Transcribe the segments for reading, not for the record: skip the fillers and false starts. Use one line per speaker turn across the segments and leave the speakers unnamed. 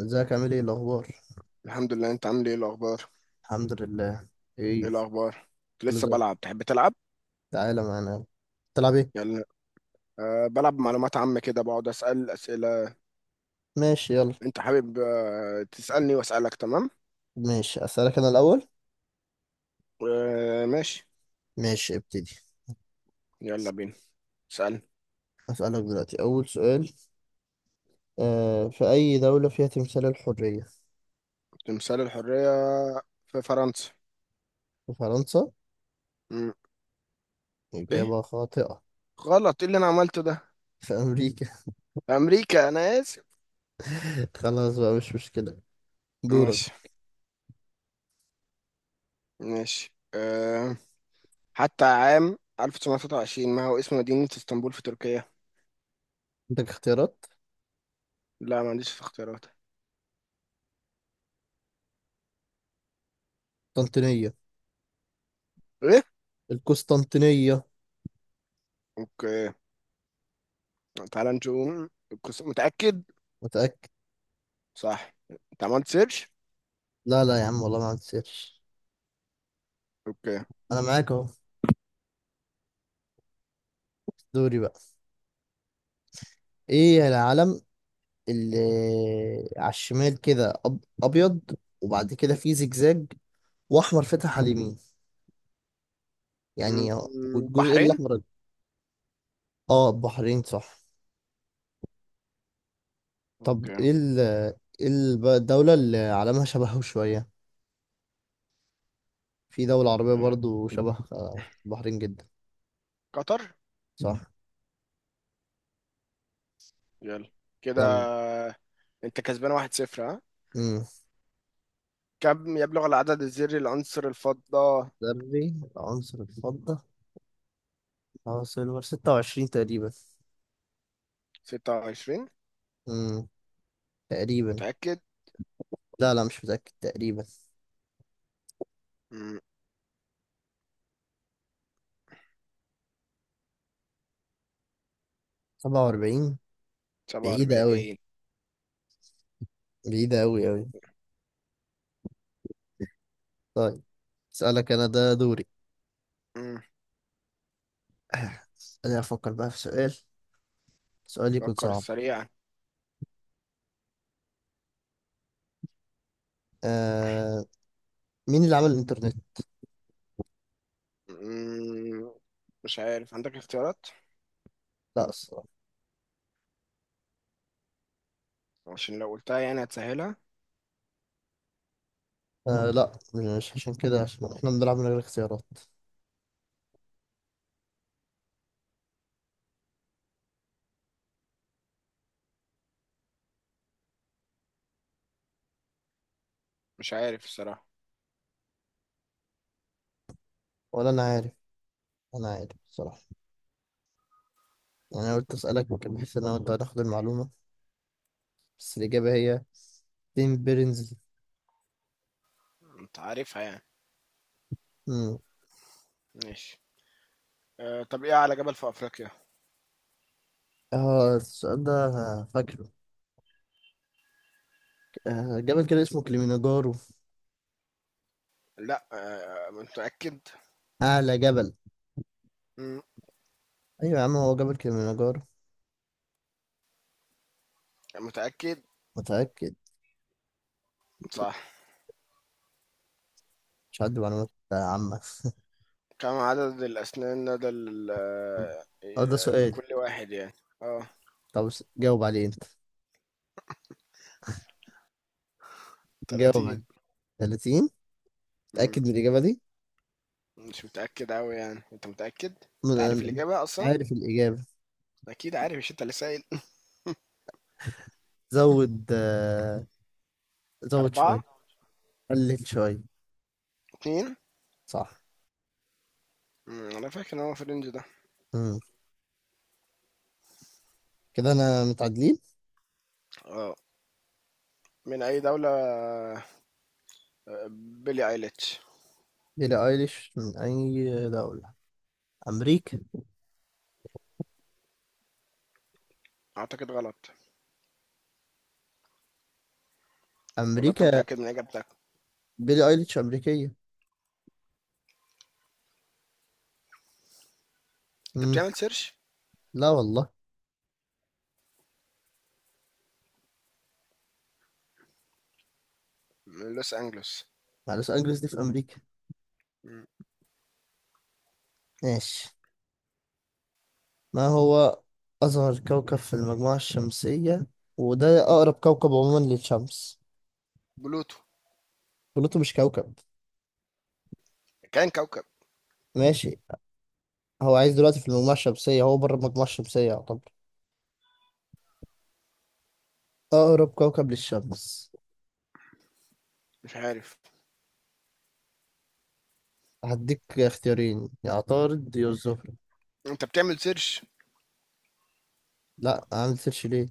ازيك عامل ايه الاخبار؟
الحمد لله. انت عامل ايه الاخبار؟
الحمد لله.
ايه
ايه؟
الاخبار؟
كله
لسه
زي الفل.
بلعب، تحب تلعب؟
تعالى معانا. تلعب ايه؟
يلا. أه بلعب معلومات عامة كده، بقعد اسال اسئلة.
ماشي يلا.
انت حابب تسالني واسالك، تمام؟
ماشي اسالك انا الاول.
أه ماشي.
ماشي ابتدي.
يلا بينا، اسال.
اسالك دلوقتي اول سؤال. في اي دوله فيها تمثال الحريه؟
تمثال الحرية في فرنسا.
في فرنسا.
مم. ايه؟
اجابه خاطئه.
غلط، ايه اللي انا عملته ده؟
في امريكا.
امريكا، انا اسف.
خلاص بقى مش مشكله. دورك.
ماشي. ماشي حتى عام 1923، ما هو اسم مدينة اسطنبول في تركيا؟
عندك اختيارات؟
لا، ما عنديش اختيارات.
قسطنطينيه.
ايه؟
القسطنطينيه.
اوكي، تعال نشوف متأكد؟
متاكد؟
صح. انت عملت سيرش؟
لا لا يا عم والله ما عندي سيرش.
اوكي.
انا معاك اهو. دوري بقى. ايه العلم اللي على الشمال كده ابيض، وبعد كده في زجزاج، واحمر فاتح على اليمين
م-
يعني.
م-
والجزء
بحرين.
الاحمر. اه البحرين صح. طب
اوكي.
ايه الدولة اللي علمها شبهه شوية. في دولة عربية
آه،
برضو شبه البحرين جدا.
قطر.
صح.
يلا كده.
يلا.
انت كسبان 1-0، ها.
امم.
كم يبلغ العدد الذري لعنصر الفضة؟
ذري العنصر الفضة. اه سيلفر 26 تقريبا.
26؟
امم. تقريبا.
متأكد؟
لا لا مش متأكد تقريبا.
م،
47. بعيدة أوي.
47.
بعيدة أوي أوي. طيب. اسألك انا ده دوري.
م،
انا افكر بقى في سؤال. سؤال يكون
فكر
صعب.
سريعا.
آه... مين اللي عمل الانترنت؟
م، مش عارف، عندك اختيارات؟
لا الصراحة.
عشان لو قلتها يعني هتسهلها.
لا. مش عشان كده، عشان احنا بنلعب من غير اختيارات.
مش عارف الصراحة.
ولا انا عارف. انا عارف الصراحة. يعني انا قلت اسألك ممكن بحيث ان انا وانت هناخد المعلومة. بس الاجابة هي تيم بيرنز.
انت عارفها يعني؟
مم.
ماشي. طب ايه اعلى جبل في افريقيا؟
اه السؤال ده أنا فاكره. جبل كده اسمه كليمنجارو.
لأ، متأكد؟
اعلى جبل.
إمم،
ايوه يا عم هو جبل كليمنجارو.
متأكد؟
متأكد.
صح.
مش عندي معلومات عامة.
كم عدد الأسنان لدى ال
اه ده سؤال.
لكل واحد يعني؟ آه،
طب جاوب عليه انت. جاوب
30.
عليه. 30.
إمم،
متأكد من الإجابة دي؟
مش متأكد أوي يعني، أنت متأكد؟
من
أنت عارف
أنا؟
الإجابة أصلًا؟
عارف الإجابة.
أكيد عارف، مش أنت اللي سائل؟
زود زود
4،
شوية. قلل شوية.
2.
صح.
أنا فاكر إن هو في الrange ده.
مم. كده أنا متعادلين.
آه، من أي دولة آه، بيلي أيليتش؟
بيلي أيليش من أي دولة؟ أمريكا.
أعتقد غلط، والّا أنت
أمريكا.
متأكد من إجابتك؟
بيلي أيليش أمريكية.
أنت
مم.
بتعمل search؟
لا والله.
من لوس أنجلوس.
مع لوس أنجلوس دي في أمريكا.
إمم.
ماشي. ما هو أصغر كوكب في المجموعة الشمسية؟ وده
ب
أقرب كوكب عموما للشمس.
بلوتو.
بلوتو مش كوكب.
كان كوكب.
ماشي. هو عايز دلوقتي في المجموعة الشمسية، هو بره المجموعة الشمسية يعتبر. أقرب كوكب للشمس.
مش عارف.
هديك اختيارين، يا عطارد يا الزهرة.
انت بتعمل سيرش؟
لا عامل سيرش ليه.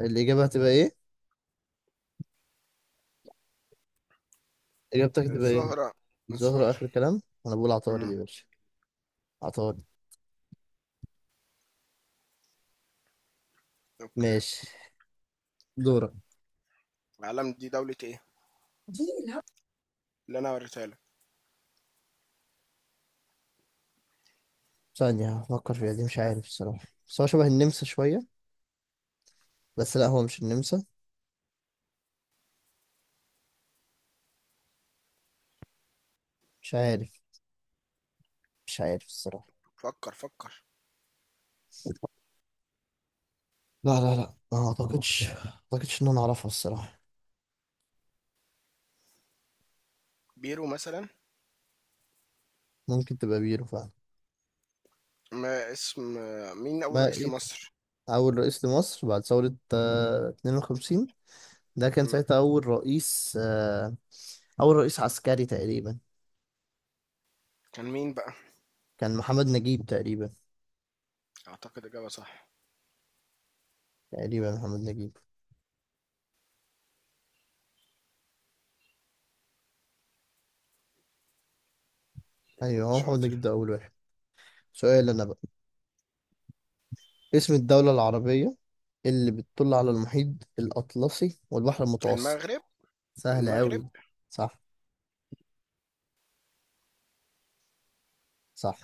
الإجابة هتبقى إيه؟ إجابتك هتبقى إيه؟
الزهرة.
الزهرة
الزهرة.
آخر كلام، أنا بقول عطارد
امم.
يا باشا. عطارد.
اوكي.
ماشي. دورك.
العلم دي دولة ايه اللي انا وريتها لك؟
ثانية هفكر فيها، دي مش عارف الصراحة، بس هو شبه النمسا شوية. بس لا هو مش النمسا. مش عارف. مش عارف الصراحة.
فكر فكر.
لا لا لا ما أعتقدش ما أعتقدش إن أنا أعرفها الصراحة.
بيرو مثلا.
ممكن تبقى بيرو فعلا.
ما اسم مين اول
ما
رئيس
إيه؟
لمصر؟
أول رئيس لمصر بعد ثورة 52. ده كان
امم.
ساعتها أول رئيس. أول رئيس عسكري تقريبا.
كان مين بقى؟
كان محمد نجيب تقريبا.
اعتقد اجابة صح.
تقريبا محمد نجيب. أيوه هو محمد
شاطر.
نجيب ده أول واحد. سؤال أنا بقى. اسم الدولة العربية اللي بتطل على المحيط الأطلسي والبحر المتوسط.
المغرب.
سهل
المغرب.
أوي. صح. صح.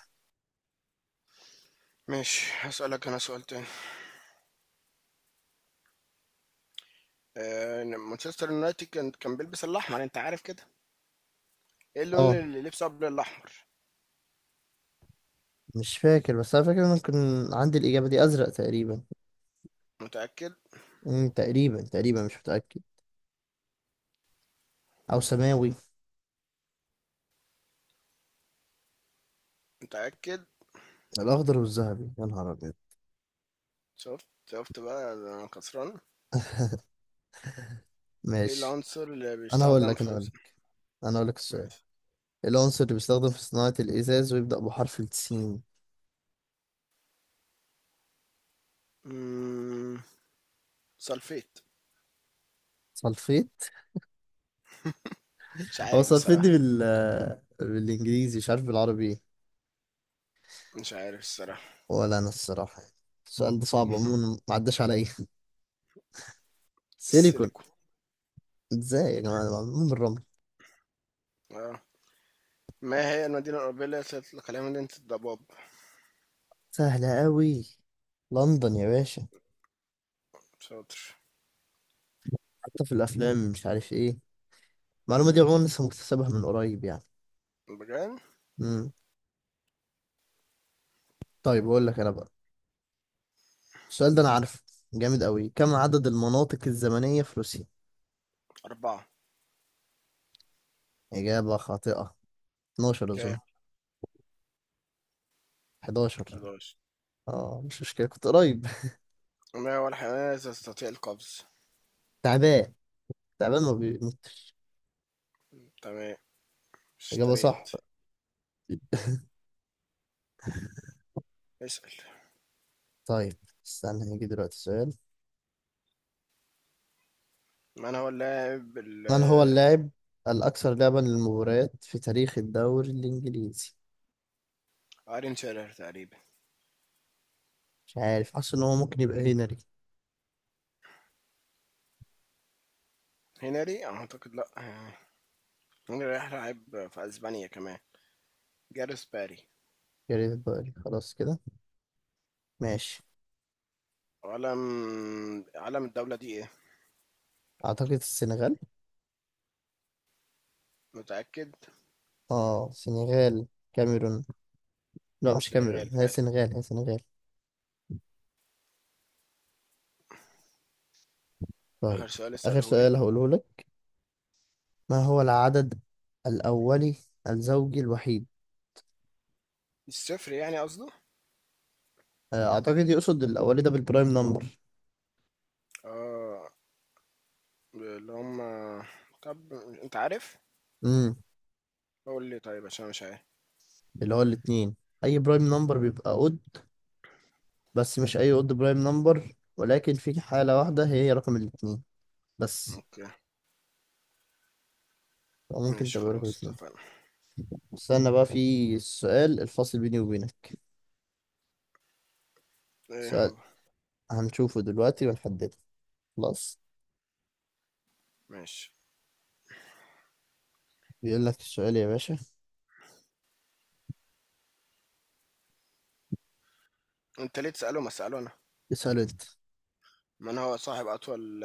ماشي، هسألك انا سؤال تاني. مانشستر يونايتد كان بيلبس الاحمر، انت عارف كده. ايه اللون
أه
اللي لبسه قبل الاحمر؟
مش فاكر، بس أنا فاكر إن أنا كان عندي الإجابة دي. أزرق تقريبا.
متأكد؟
تقريبا تقريبا مش متأكد. أو سماوي.
متأكد؟
الأخضر والذهبي يا نهار أبيض.
شفت شفت بقى، أنا كسران. ايه
ماشي.
العنصر اللي
انا هقول
بيستخدم
لك
في؟
انا هقول لك انا هقول لك السؤال.
ماشي.
العنصر اللي بيستخدم في صناعة الإزاز ويبدأ بحرف السين.
امم. سلفيت.
سلفيت.
مش
هو
عارف
سلفيت
بصراحة.
دي بالإنجليزي، مش عارف بالعربي ايه.
مش عارف الصراحة.
ولا أنا الصراحة يعني. السؤال ده صعب عموما ما عداش عليا. سيليكون.
السيليكون.
ازاي يا جماعة ده معمول من الرمل.
اه. ما هي المدينة الأوروبية التي يطلق عليها مدينة الضباب؟
سهلة أوي. لندن يا باشا.
شاطر.
حتى في الأفلام مش عارف ايه. المعلومة دي عموما لسه مكتسبها من قريب يعني.
بجان.
مم. طيب أقول لك أنا بقى. السؤال ده أنا عارفه، جامد أوي. كم عدد المناطق الزمنية في روسيا؟
4.
إجابة خاطئة. 12
اوكي.
أظن. 11.
11.
اه مش مشكلة كنت قريب.
ما هو الحيوان الذي يستطيع القفز؟
تعبان. تعبان ما بيموت.
تمام.
إجابة
اشتريت.
صح.
اسأل.
طيب. استنى هيجي دلوقتي سؤال.
من هو اللاعب ال
من هو اللاعب الأكثر لعبا للمباريات في تاريخ الدوري الإنجليزي؟
ايرين شيرر تقريبا.
مش عارف، حاسس إن هو ممكن يبقى هنري.
هنري أعتقد لأ. هنري راح لعب في أسبانيا كمان. جاريث باري.
جاريث باري خلاص كده. ماشي.
علم علم الدولة دي ايه؟
أعتقد السنغال.
متأكد؟
اه سنغال. كاميرون. لا مش
سنغال
كاميرون، هي
فعلا.
سنغال هي سنغال. طيب.
آخر سؤال
آخر
اسأله لي.
سؤال هقوله لك. ما هو العدد الأولي الزوجي الوحيد؟
الصفر يعني قصده.
اعتقد يقصد الاولي ده بالبرايم نمبر.
اه. اللي هم. طب انت عارف؟
امم.
قول لي طيب عشان أنا مش عارف.
اللي هو الاتنين. اي برايم نمبر بيبقى اود، بس مش اي اود برايم نمبر، ولكن في حالة واحدة هي رقم الاتنين بس.
اوكي.
أو ممكن
ماشي
تبقى رقم
خلاص،
اتنين.
اتفقنا.
استنى بقى في السؤال الفاصل بيني وبينك.
ايه
سؤال
هو؟
هنشوفه دلوقتي ونحدده. خلاص.
ماشي.
بيقول لك السؤال يا باشا.
انت ليه تسأله، ما اسأله انا.
اسأله انت.
من هو صاحب اطول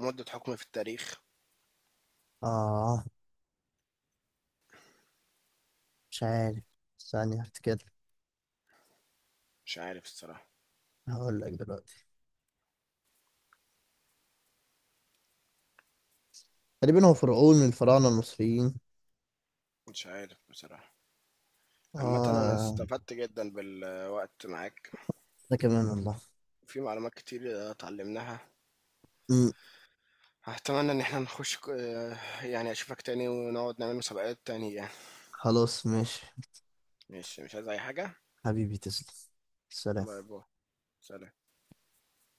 مدة حكم في التاريخ؟
اه مش عارف. ثانية هفتكر.
مش عارف الصراحة.
هقول لك دلوقتي. تقريبا هو فرعون من الفراعنة المصريين.
مش عارف بصراحة. عامة انا
اه.
استفدت جدا بالوقت معاك.
ده كمان والله.
في معلومات كتير اتعلمناها.
امم.
اتمنى ان احنا نخش ك- يعني اشوفك تاني ونقعد نعمل مسابقات تانية.
خلاص ماشي.
ماشي، مش عايز أي حاجة.
حبيبي تسلم.
باي
سلام.
باي. سلام.